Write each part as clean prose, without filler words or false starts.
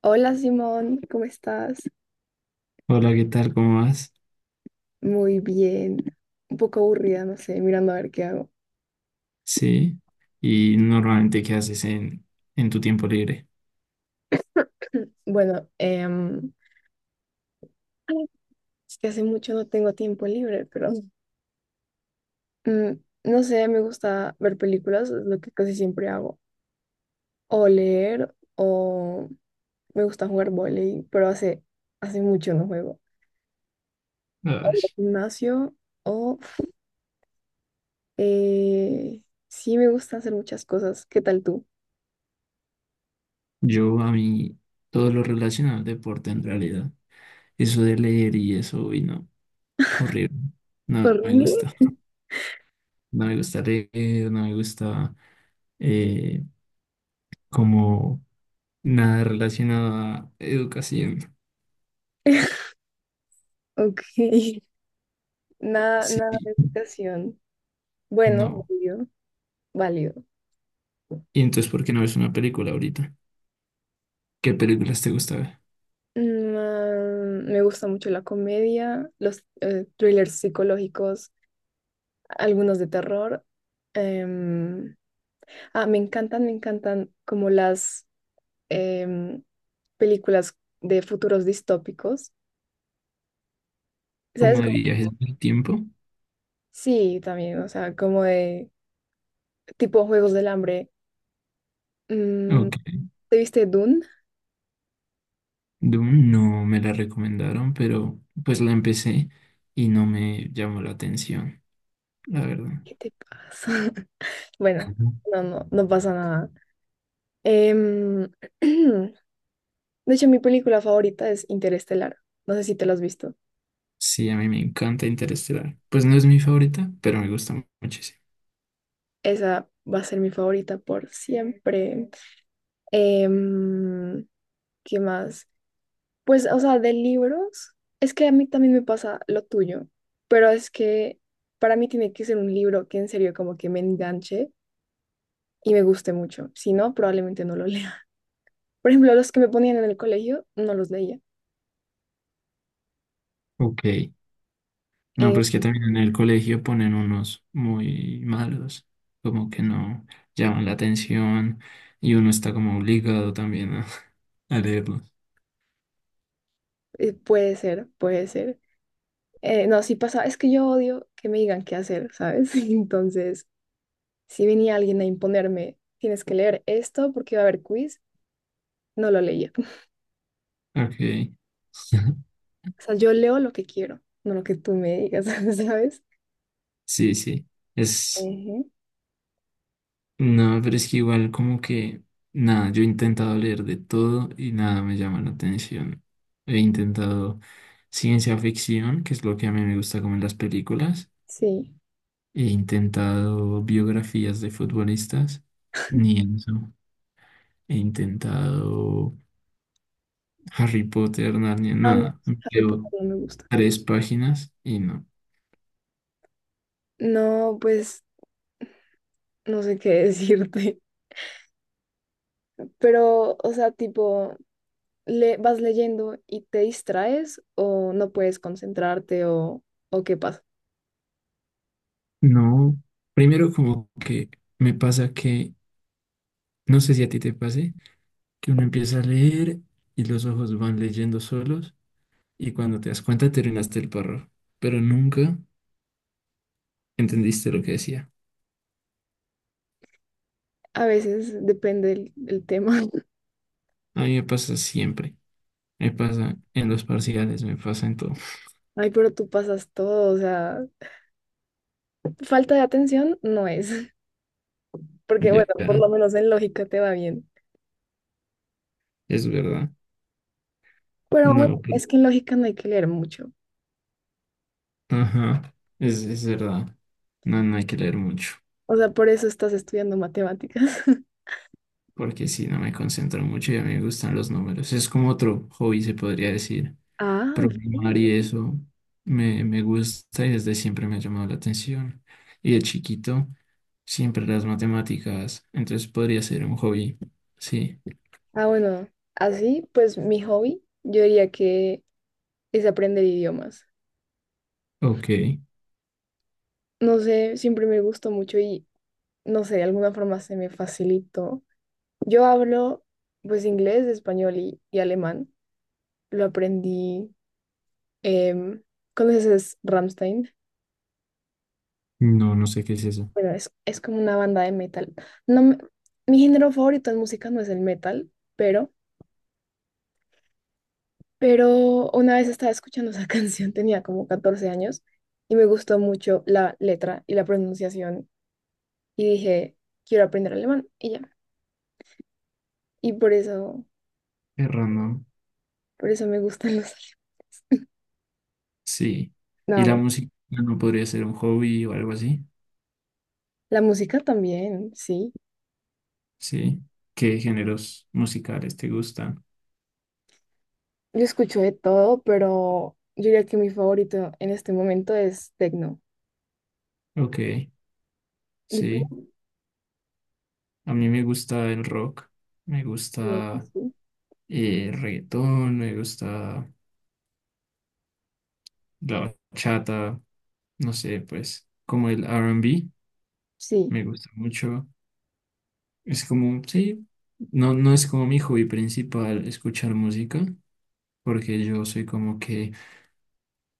Hola Simón, ¿cómo estás? Hola, ¿qué tal? ¿Cómo vas? Muy bien. Un poco aburrida, no sé, mirando a ver qué hago. Sí. ¿Y normalmente qué haces en tu tiempo libre? Bueno, es que hace mucho no tengo tiempo libre, pero mm, no sé, me gusta ver películas, es lo que casi siempre hago. O leer, o me gusta jugar vóley, pero hace mucho no juego. Ay, Gimnasio, o eh, sí me gusta hacer muchas cosas. ¿Qué tal tú? Yo a mí todo lo relacionado al deporte en realidad. Eso de leer y eso, uy, no, horrible. No me ¿Horrible? gusta. No me gusta leer, no me gusta eh, como nada relacionado a educación. Ok, nada, Sí, nada de educación. Bueno, no. válido, válido. ¿Y entonces por qué no ves una película ahorita? ¿Qué películas te gusta ver? Me gusta mucho la comedia, los thrillers psicológicos, algunos de terror. Em, Me encantan, me encantan como las em, películas de futuros distópicos. ¿Sabes? ¿Como de viajes del tiempo? Sí, también, o sea, como de tipo Juegos del Hambre. Mm, Ok. ¿te viste Dune? Doom no me la recomendaron, pero pues la empecé y no me llamó la atención, la verdad. ¿Qué te pasa? Bueno, Ujú. No pasa nada. Em, De hecho, mi película favorita es Interestelar. No sé si te la has visto. Sí, a mí me encanta Interestelar. Pues no es mi favorita, pero me gusta muchísimo. Esa va a ser mi favorita por siempre. Em, ¿Qué más? Pues, o sea, de libros, es que a mí también me pasa lo tuyo, pero es que para mí tiene que ser un libro que en serio como que me enganche y me guste mucho. Si no, probablemente no lo lea. Por ejemplo, los que me ponían en el colegio, no los leía. Ok. No, Eh, pero es que también en el colegio ponen unos muy malos, como que no llaman la atención y uno está como obligado también a, a leerlos. Puede ser, puede ser. No, sí pasa, es que yo odio que me digan qué hacer, ¿sabes? Entonces... Si venía alguien a imponerme, tienes que leer esto porque va a haber quiz, no lo leía. Ok. O sea, yo leo lo que quiero, no lo que tú me digas, ¿sabes? Sí, sí. Es. Ujú. No, pero es que igual como que, nada, yo he intentado leer de todo y nada me llama la atención. He intentado ciencia ficción, que es lo que a mí me gusta como en las películas. Sí. He intentado biografías de futbolistas, ni eso. He intentado Harry Potter, Narnia, Ah, no, nada. Harry Leo Potter no me gusta. 3 páginas y no. No, pues no sé qué decirte. Pero, o sea, tipo, le vas leyendo y te distraes o no puedes concentrarte o qué pasa. No, primero como que me pasa que, no sé si a ti te pase que uno empieza a leer y los ojos van leyendo solos y cuando te das cuenta terminaste el párrafo, pero nunca entendiste lo que decía. A veces depende el tema. A mí me pasa siempre, me pasa en los parciales, me pasa en todo. Ay, pero tú pasas todo, o sea, falta de atención no es. Porque bueno, Ya, por lo menos en lógica te va bien. es verdad. Pero bueno, No, pues, es que en lógica no hay que leer mucho. ajá, es verdad. No, no hay que leer mucho, O sea, por eso estás estudiando matemáticas. porque si no me concentro mucho y a mí me gustan los números. Es como otro hobby, se podría decir. Ah, Programar bien. y eso me gusta y desde siempre me ha llamado la atención. Y de chiquito, siempre las matemáticas, entonces podría ser un hobby. Sí, Ah, bueno, así pues mi hobby, yo diría que es aprender idiomas. ok. No sé, siempre me gustó mucho y no sé, de alguna forma se me facilitó. Yo hablo pues inglés, español y alemán. Lo aprendí, em, ¿conoces Ramstein? No, no sé qué es eso. Bueno, es como una banda de metal. No, me- Mi género favorito en música no es el metal, pero, pero una vez estaba escuchando esa canción, tenía como 14 años, y me gustó mucho la letra y la pronunciación, y dije, quiero aprender alemán, y ya. Y por eso, Es random. por eso me gustan los alemanes. Sí. ¿Y No, la me- música no podría ser un hobby o algo así? La música también, sí. Sí. ¿Qué géneros musicales te gustan? Yo escucho de todo, pero yo diría que mi favorito en este momento es techno. Ok, ¿Y tú? sí. A mí me gusta el rock, me Bien. gusta Sí, reggaetón, me gusta la bachata. No sé, pues como el R&B, sí, me gusta mucho. Es como, sí, no, no es como mi hobby principal escuchar música, porque yo soy como que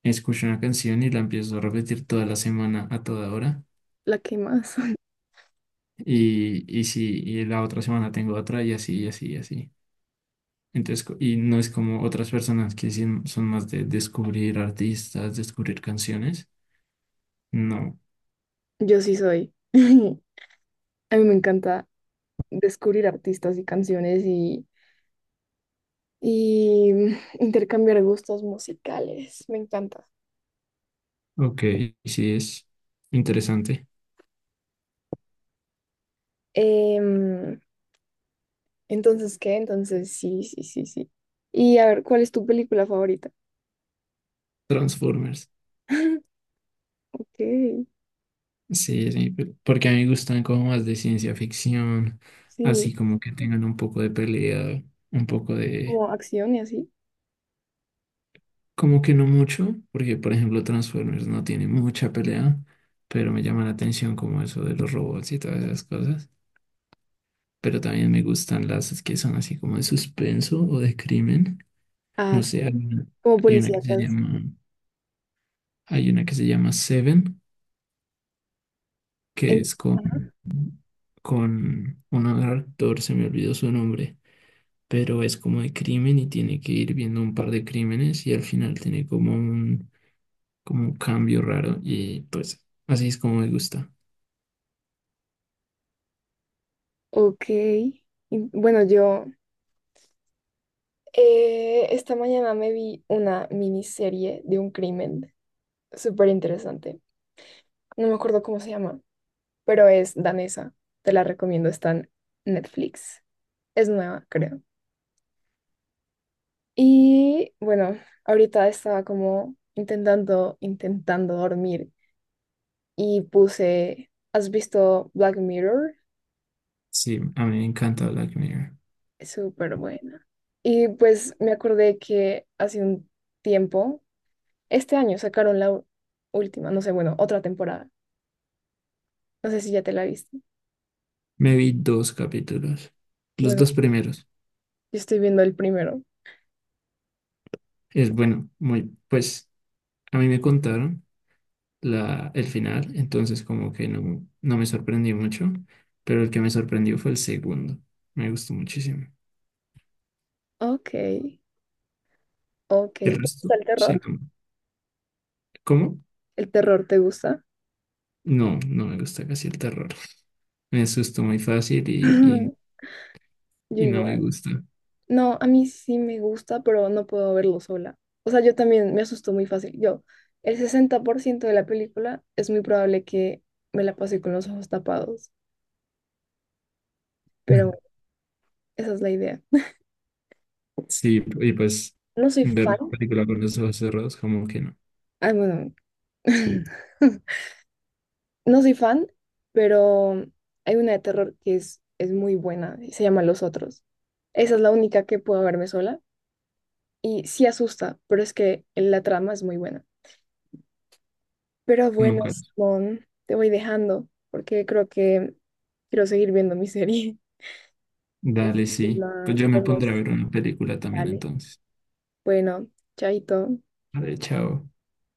escucho una canción y la empiezo a repetir toda la semana a toda hora. la que más. Y sí, y la otra semana tengo otra y así, y así, y así. Entonces, y no es como otras personas que sí son más de descubrir artistas, descubrir canciones. No. Yo sí soy. A mí me encanta descubrir artistas y canciones y intercambiar gustos musicales. Me encanta. Ok, sí es interesante. Em, entonces, ¿qué? Entonces, sí, sí, sí, sí. Y a ver, ¿cuál es tu película favorita? Transformers. Ok, Sí, sí, porque a mí me gustan como más de ciencia ficción, sí, así como que tengan un poco de pelea, un poco de... como acción y así. Como que no mucho, porque por ejemplo Transformers no tiene mucha pelea, pero me llama la atención como eso de los robots y todas esas cosas. Pero también me gustan las que son así como de suspenso o de crimen. Ah, No sí, sé, como hay una que se policíacas. llama, hay una que se llama Seven, que En- es con, un actor, se me olvidó su nombre pero es como de crimen y tiene que ir viendo un par de crímenes y al final tiene como un cambio raro y pues así es como me gusta. Ok. Bueno, yo esta mañana me vi una miniserie de un crimen súper interesante. No me acuerdo cómo se llama, pero es danesa. Te la recomiendo, está en Netflix. Es nueva, creo. Y bueno, ahorita estaba como intentando dormir y puse, ¿has visto Black Mirror? Sí, a mí me encanta Black Mirror. Es súper buena. Y pues me acordé que hace un tiempo, este año sacaron última, no sé, bueno, otra temporada. No sé si ya te la viste. Me vi 2 capítulos, los Bueno, dos primeros. yo estoy viendo el primero. Es bueno, muy, pues a mí me contaron la, el final, entonces como que no me sorprendió mucho, pero el que me sorprendió fue el segundo. Me gustó muchísimo. Ok, ok. El ¿Te resto, gusta el sí, terror? no. ¿Cómo? ¿El terror te gusta? No, no me gusta casi el terror. Me asusto muy fácil Ujú. Yo y no me igual. gusta. No, a mí sí me gusta, pero no puedo verlo sola. O sea, yo también me asusto muy fácil. Yo, el 60% de la película es muy probable que me la pase con los ojos tapados, Ya. pero bueno, esa es la idea. Sí, y pues No soy ver una fan. película con los ojos cerrados, como que no, Ah, bueno, no soy fan, pero hay una de terror que es muy buena y se llama Los Otros. Esa es la única que puedo verme sola y sí asusta, pero es que la trama es muy buena. Pero bueno, nunca. Simón, te voy dejando porque creo que quiero seguir viendo mi serie. Dale, Entonces, sí. Pues nada, yo me pues, pondré a ver una película también dale. entonces. Bueno, chaito. Vale, chao.